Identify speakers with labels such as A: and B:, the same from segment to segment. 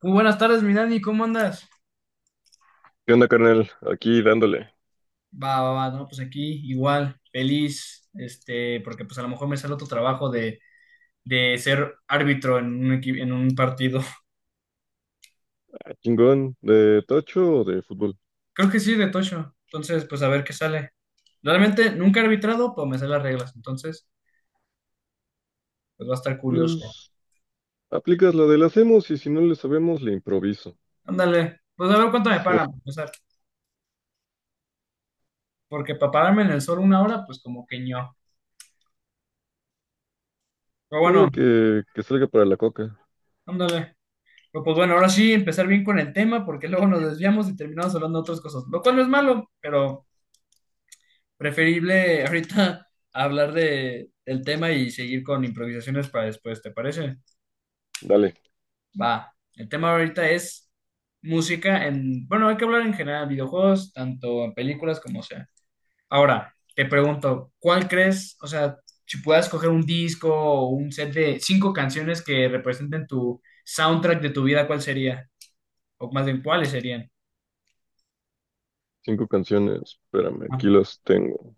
A: Muy buenas tardes, mi Dani, ¿cómo andas?
B: ¿Qué onda, carnal? Aquí dándole.
A: Va, va, va, no, pues aquí igual, feliz, porque pues a lo mejor me sale otro trabajo de ser árbitro en un, equi- en un partido.
B: ¿A chingón? ¿De tocho o de fútbol?
A: Creo que sí, de Tocho. Entonces, pues a ver qué sale. Realmente nunca he arbitrado, pero me sé las reglas, entonces, pues va a estar curioso.
B: Pues aplicas la de la hacemos y si no le sabemos, le improviso.
A: Ándale, pues a ver cuánto me pagan, para empezar, porque para pararme en el sol una hora, pues como que ño. Pero bueno,
B: Ponle que salga para la coca.
A: ándale. Pero, pues bueno, ahora sí, empezar bien con el tema, porque luego nos desviamos y terminamos hablando de otras cosas, lo cual no es malo, pero... Preferible ahorita hablar de, del tema y seguir con improvisaciones para después, ¿te parece?
B: Dale,
A: Va. El tema ahorita es música en, bueno, hay que hablar en general, videojuegos, tanto en películas como sea. Ahora, te pregunto, ¿cuál crees, o sea, si puedas coger un disco o un set de cinco canciones que representen tu soundtrack de tu vida, ¿cuál sería? O más bien, ¿cuáles serían?
B: cinco canciones. Espérame,
A: Ah,
B: aquí las tengo.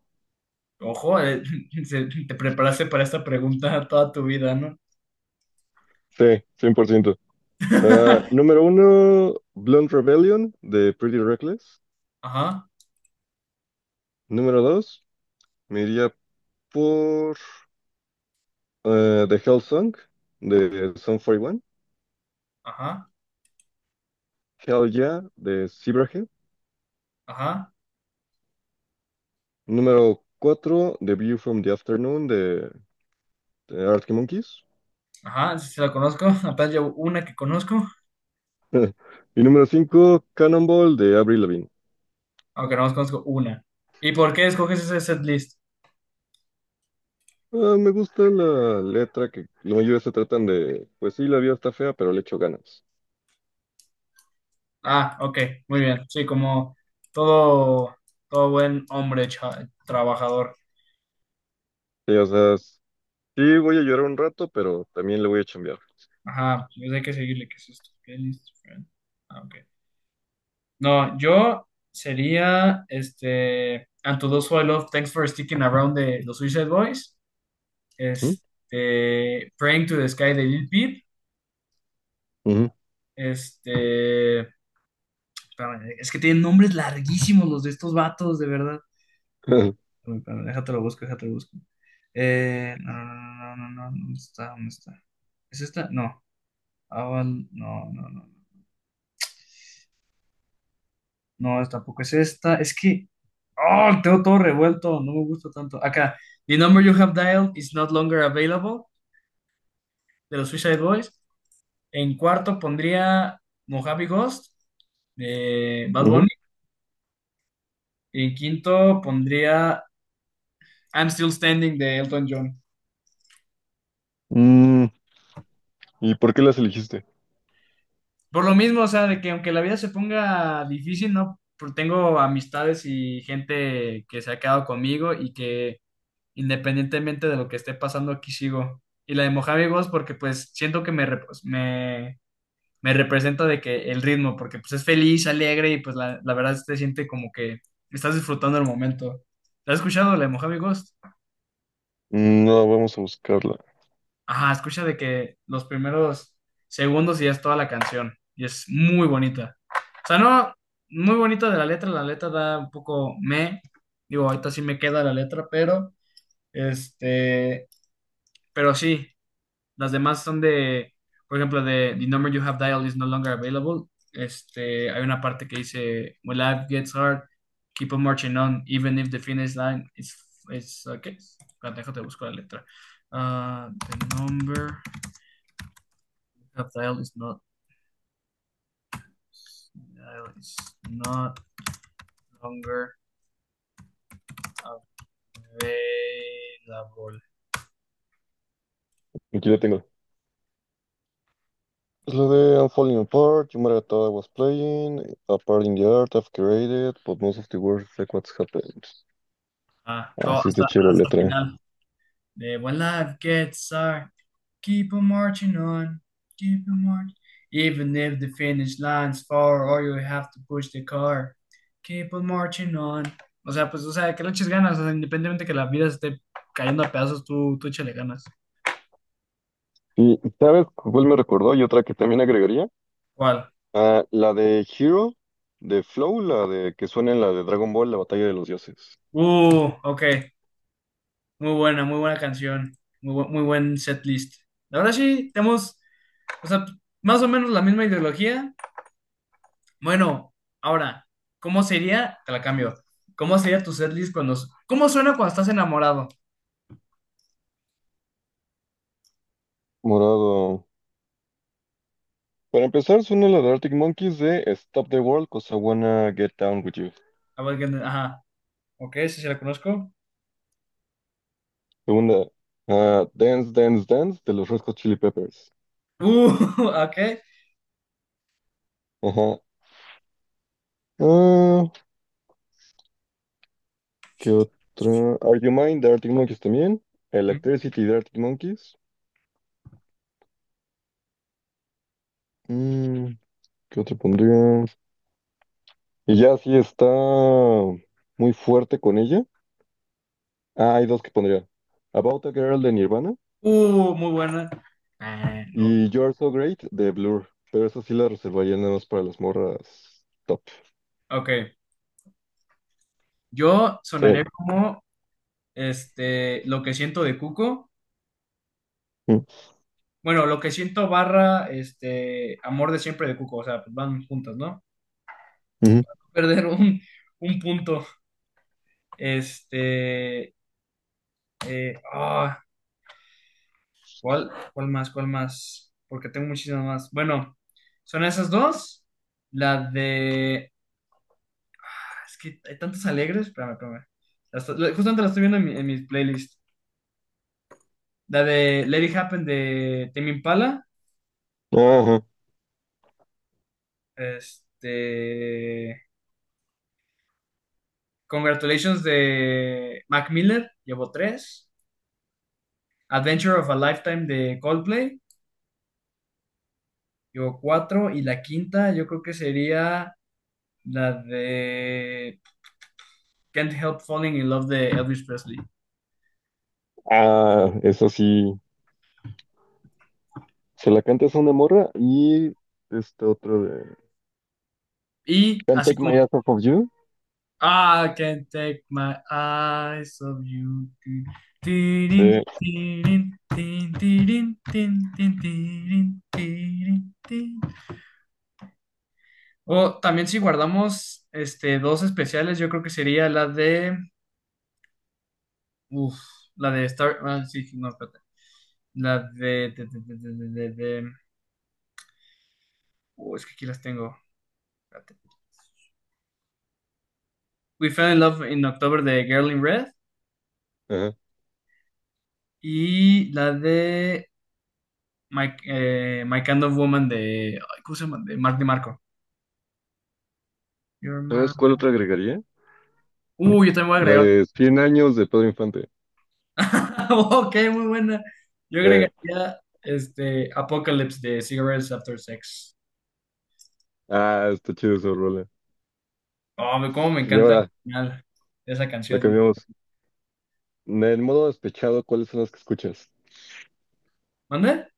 A: ojo, se- te preparaste para esta pregunta toda tu vida, ¿no?
B: Sí, 100%. Ah, número uno, Blunt Rebellion de Pretty Reckless.
A: Ajá,
B: Número dos, me iría por The Hell Song de Sum One.
A: ajá.
B: Hell Yeah de Zebrahead.
A: Ajá,
B: Número 4 The View from the Afternoon de Arctic Monkeys.
A: ajá, sí, sí la conozco. Apenas llevo una que conozco,
B: Y número cinco Cannonball de Avril Lavigne.
A: aunque no más conozco una. ¿Y por qué escoges ese setlist?
B: Ah, me gusta la letra que la mayoría se tratan de, pues sí, la vida está fea, pero le echo ganas.
A: Ah, ok, muy bien. Sí, como todo, todo buen hombre cha- trabajador.
B: Sí, o sea, sí voy a llorar un rato, pero también le voy a chambear.
A: Ajá, pues hay que seguirle. ¿Qué es esto? Playlist, friend. Ah, ok. No, yo sería este. And to those who I love, thanks for sticking around de los Suicide Boys. Este. Praying to the Sky de Lil Peep.
B: Ujú, ujú,
A: Este. Espérame, es que tienen nombres larguísimos los de estos vatos, de verdad. Uy, espérame, déjate lo busco, déjate lo busco. No, no, no, no, no, no, ¿dónde está? ¿Dónde está? ¿Es esta? No. Aval- no, no, no. No, no, tampoco es esta. Es que. Oh, tengo todo revuelto. No me gusta tanto. Acá. The number you have dialed is not longer available. De los Suicide Boys. En cuarto pondría Mojave Ghost de Bad
B: ujú.
A: Bunny. Y en quinto pondría I'm Still Standing de Elton John.
B: Mm, ¿Y por qué las elegiste?
A: Por lo mismo, o sea, de que aunque la vida se ponga difícil, ¿no? Por- Tengo amistades y gente que se ha quedado conmigo y que independientemente de lo que esté pasando, aquí sigo. Y la de Mojave Ghost porque pues siento que me, rep- pues, me representa de que el ritmo, porque pues es feliz, alegre y pues la verdad se siente como que estás disfrutando el momento. ¿La has escuchado, la de Mojave Ghost?
B: Mm, no, vamos a buscarla.
A: Ajá, escucha de que los primeros segundos y ya es toda la canción. Y es muy bonita. O sea, no, muy bonita de la letra. La letra da un poco me. Digo, ahorita sí me queda la letra, pero este, pero sí, las demás son de, por ejemplo, de The number you have dialed is no longer available. Este, hay una parte que dice, When life gets hard, keep on marching on, even if the finish line is, ¿qué? Espérate, déjate, busco la letra. Ah, the number. Rafael is not Rafael is not longer available.
B: Aquí la tengo. Es la de I'm Falling Apart, You Matter What I Was Playing, A Part in the Art I've Created, but most of the world is like what's happened.
A: Ah,
B: Ah,
A: todo
B: sí, está
A: hasta,
B: chida la
A: hasta el
B: letra.
A: final. De When Life Gets Hard, keep on marching on, keep on marching. Even if the finish line's far or you have to push the car, keep on marching on. O sea, pues, o sea, que le eches ganas, o sea, independientemente que la vida esté cayendo a pedazos, tú échale ganas.
B: ¿Y sabes cuál me recordó? Y otra que también agregaría.
A: ¿Cuál?
B: Ah, la de Hero, de Flow, la de que suena en la de Dragon Ball, la batalla de los dioses.
A: Ok. Muy buena canción. Muy, bu- muy buen setlist. La verdad sí, tenemos, o sea, más o menos la misma ideología. Bueno, ahora, ¿cómo sería? Te la cambio. ¿Cómo sería tu setlist cuando... ¿Cómo suena cuando estás enamorado?
B: Morado. Para empezar, suena la de Arctic Monkeys de Stop the World, 'cause I wanna get down with you.
A: A ver, que- ajá. Ok, sí, sí la conozco.
B: Segunda, ah, Dance, Dance, Dance, de los Red Hot Chili Peppers.
A: Uh, ok.
B: Ajá. Ah, ¿qué otra? Are You Mine, de Arctic Monkeys también. Electricity, de Arctic Monkeys. Mm, ¿qué otra pondría? Y ya sí está muy fuerte con ella. Ah, hay dos que pondría. About a Girl de Nirvana
A: Muy buena. Ah, no.
B: y You're So Great de Blur. Pero eso sí la reservaría nada más para las morras top.
A: Ok. Yo
B: Sí.
A: sonaría como, Lo que siento de Cuco.
B: Mm,
A: Bueno, lo que siento barra este amor de siempre de Cuco, o sea, pues van juntas, ¿no?
B: ujú.
A: Perder un punto. Este, eh, ah, ¿Cuál, cuál más? Porque tengo muchísimas más. Bueno, son esas dos. La de, ah, es que hay tantas alegres, espérame, espérame. La esto- la- justamente la estoy viendo en, mi- en mis playlists. La de Let It Happen de Tame Impala,
B: Ajá.
A: este, Congratulations de Mac Miller, llevo tres. Adventure of a Lifetime de Coldplay, yo cuatro, y la quinta yo creo que sería la de Can't Help Falling in Love de Elvis Presley.
B: Ah, eso sí. Se la cantas a una morra y este otro de
A: Y
B: Can't
A: así
B: Take
A: como,
B: My Eyes Off of You.
A: I can't take my eyes off you. Tirin,
B: Sí.
A: tirin, tin, tin, tirin, tirin, tin. O también si guardamos dos especiales, yo creo que sería la de, uf, la de Star, ah, sí, no, espérate. La de, de- es que aquí las tengo. Espérate. We Fell in Love in October de Girl in Red.
B: Ajá.
A: Y la de My Kind of Woman de. Ay, ¿cómo se llama? De Mark DeMarco. Your Man.
B: ¿Sabes cuál otra agregaría?
A: Yo también voy a
B: La
A: agregar otra.
B: de 100 años de Pedro Infante.
A: Ok, muy buena. Yo
B: Sí.
A: agregaría Apocalypse de Cigarettes After Sex.
B: Ah, está chido esa rola.
A: Oh, me- cómo me
B: Y
A: encanta el
B: ahora
A: final de esa
B: la
A: canción.
B: cambiamos. En modo despechado, ¿cuáles son las que escuchas?
A: ¿Mande?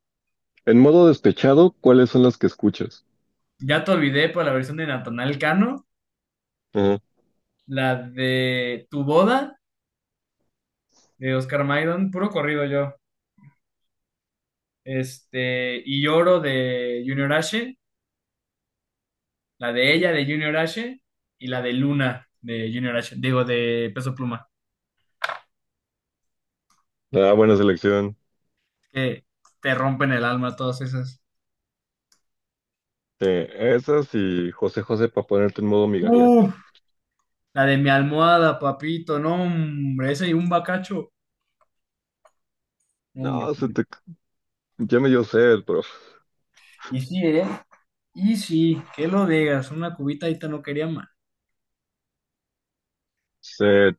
B: En modo despechado, ¿cuáles son las que escuchas?
A: Ya te olvidé por la versión de Natanael Cano.
B: Ajá.
A: La de Tu Boda de Oscar Maidon, puro corrido yo. Este, y Lloro de Junior H, la de ella de Junior H y la de Luna de Junior H, digo de Peso Pluma,
B: Ah, buena selección.
A: que te rompen el alma todas esas.
B: Sí, esas y José José para ponerte en modo migajero.
A: Uf, la de mi almohada, papito, no, hombre, ese y un bacacho, no, hombre.
B: No, se te... ya me dio sed, pero...
A: Y sí, ¿eh? Y sí, que lo digas, una cubita ahorita no quería más.
B: Se...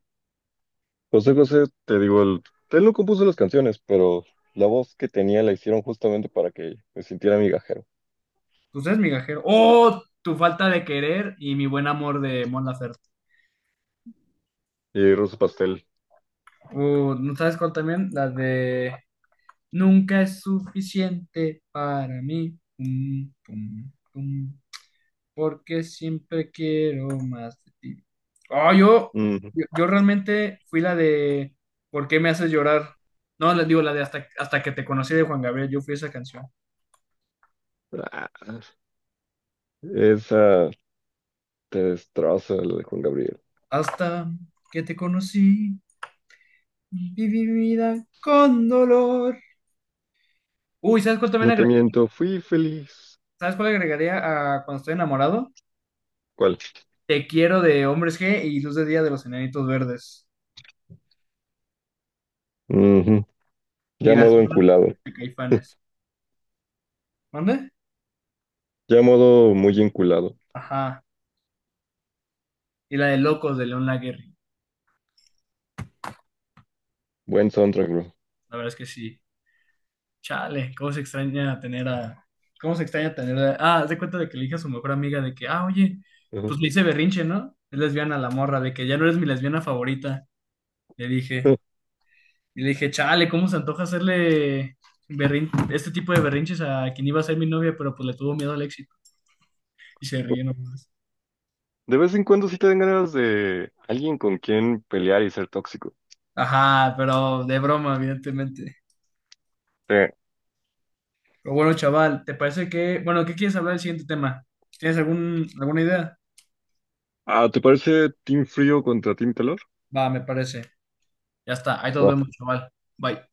B: José José, te digo, el... él no compuso las canciones, pero la voz que tenía la hicieron justamente para que me sintiera migajero.
A: Pues es migajero. ¡Oh! Tu falta de querer y mi buen amor de Mon Laferte.
B: Y Ruso Pastel.
A: ¿No sabes cuál también? La de Nunca es suficiente para mí, pum, pum, pum, porque siempre quiero más de ti. Oh, yo,
B: Ujú.
A: yo, yo realmente fui la de ¿Por qué me haces llorar? No, les digo la de hasta, hasta que te conocí de Juan Gabriel, yo fui esa canción.
B: Ah, esa te destroza, la de Juan Gabriel.
A: Hasta que te conocí, viví mi vida con dolor. Uy, ¿sabes cuál también
B: No te
A: agregaría?
B: miento, fui feliz.
A: ¿Sabes cuál agregaría a cuando estoy enamorado?
B: ¿Cuál?
A: Te quiero de Hombres G y Luz de Día de los Enanitos Verdes. Y
B: Ya
A: el
B: modo
A: Arsenal
B: enculado.
A: de Caifanes. ¿Mande?
B: Ya modo muy enculado.
A: Ajá. Y la de Locos de León Laguerri.
B: Buen soundtrack, bro.
A: La verdad es que sí. Chale, cómo se extraña tener a. ¿Cómo se extraña tener a. Ah, haz de cuenta de que le dije a su mejor amiga de que, ah, oye, pues
B: Ujú.
A: le hice berrinche, ¿no? Es lesbiana la morra, de que ya no eres mi lesbiana favorita. Le dije. Y le dije, chale, ¿cómo se antoja hacerle berrin- este tipo de berrinches a quien iba a ser mi novia, pero pues le tuvo miedo al éxito? Y se ríe nomás.
B: De vez en cuando sí te dan ganas de alguien con quien pelear y ser tóxico.
A: Ajá, pero de broma, evidentemente.
B: Eh,
A: Pero bueno, chaval, ¿te parece que, bueno, ¿qué quieres hablar del siguiente tema? ¿Tienes algún, alguna idea?
B: ¿Te parece Team Frío contra Team Calor?
A: Va, me parece. Ya está, ahí nos vemos, chaval. Bye.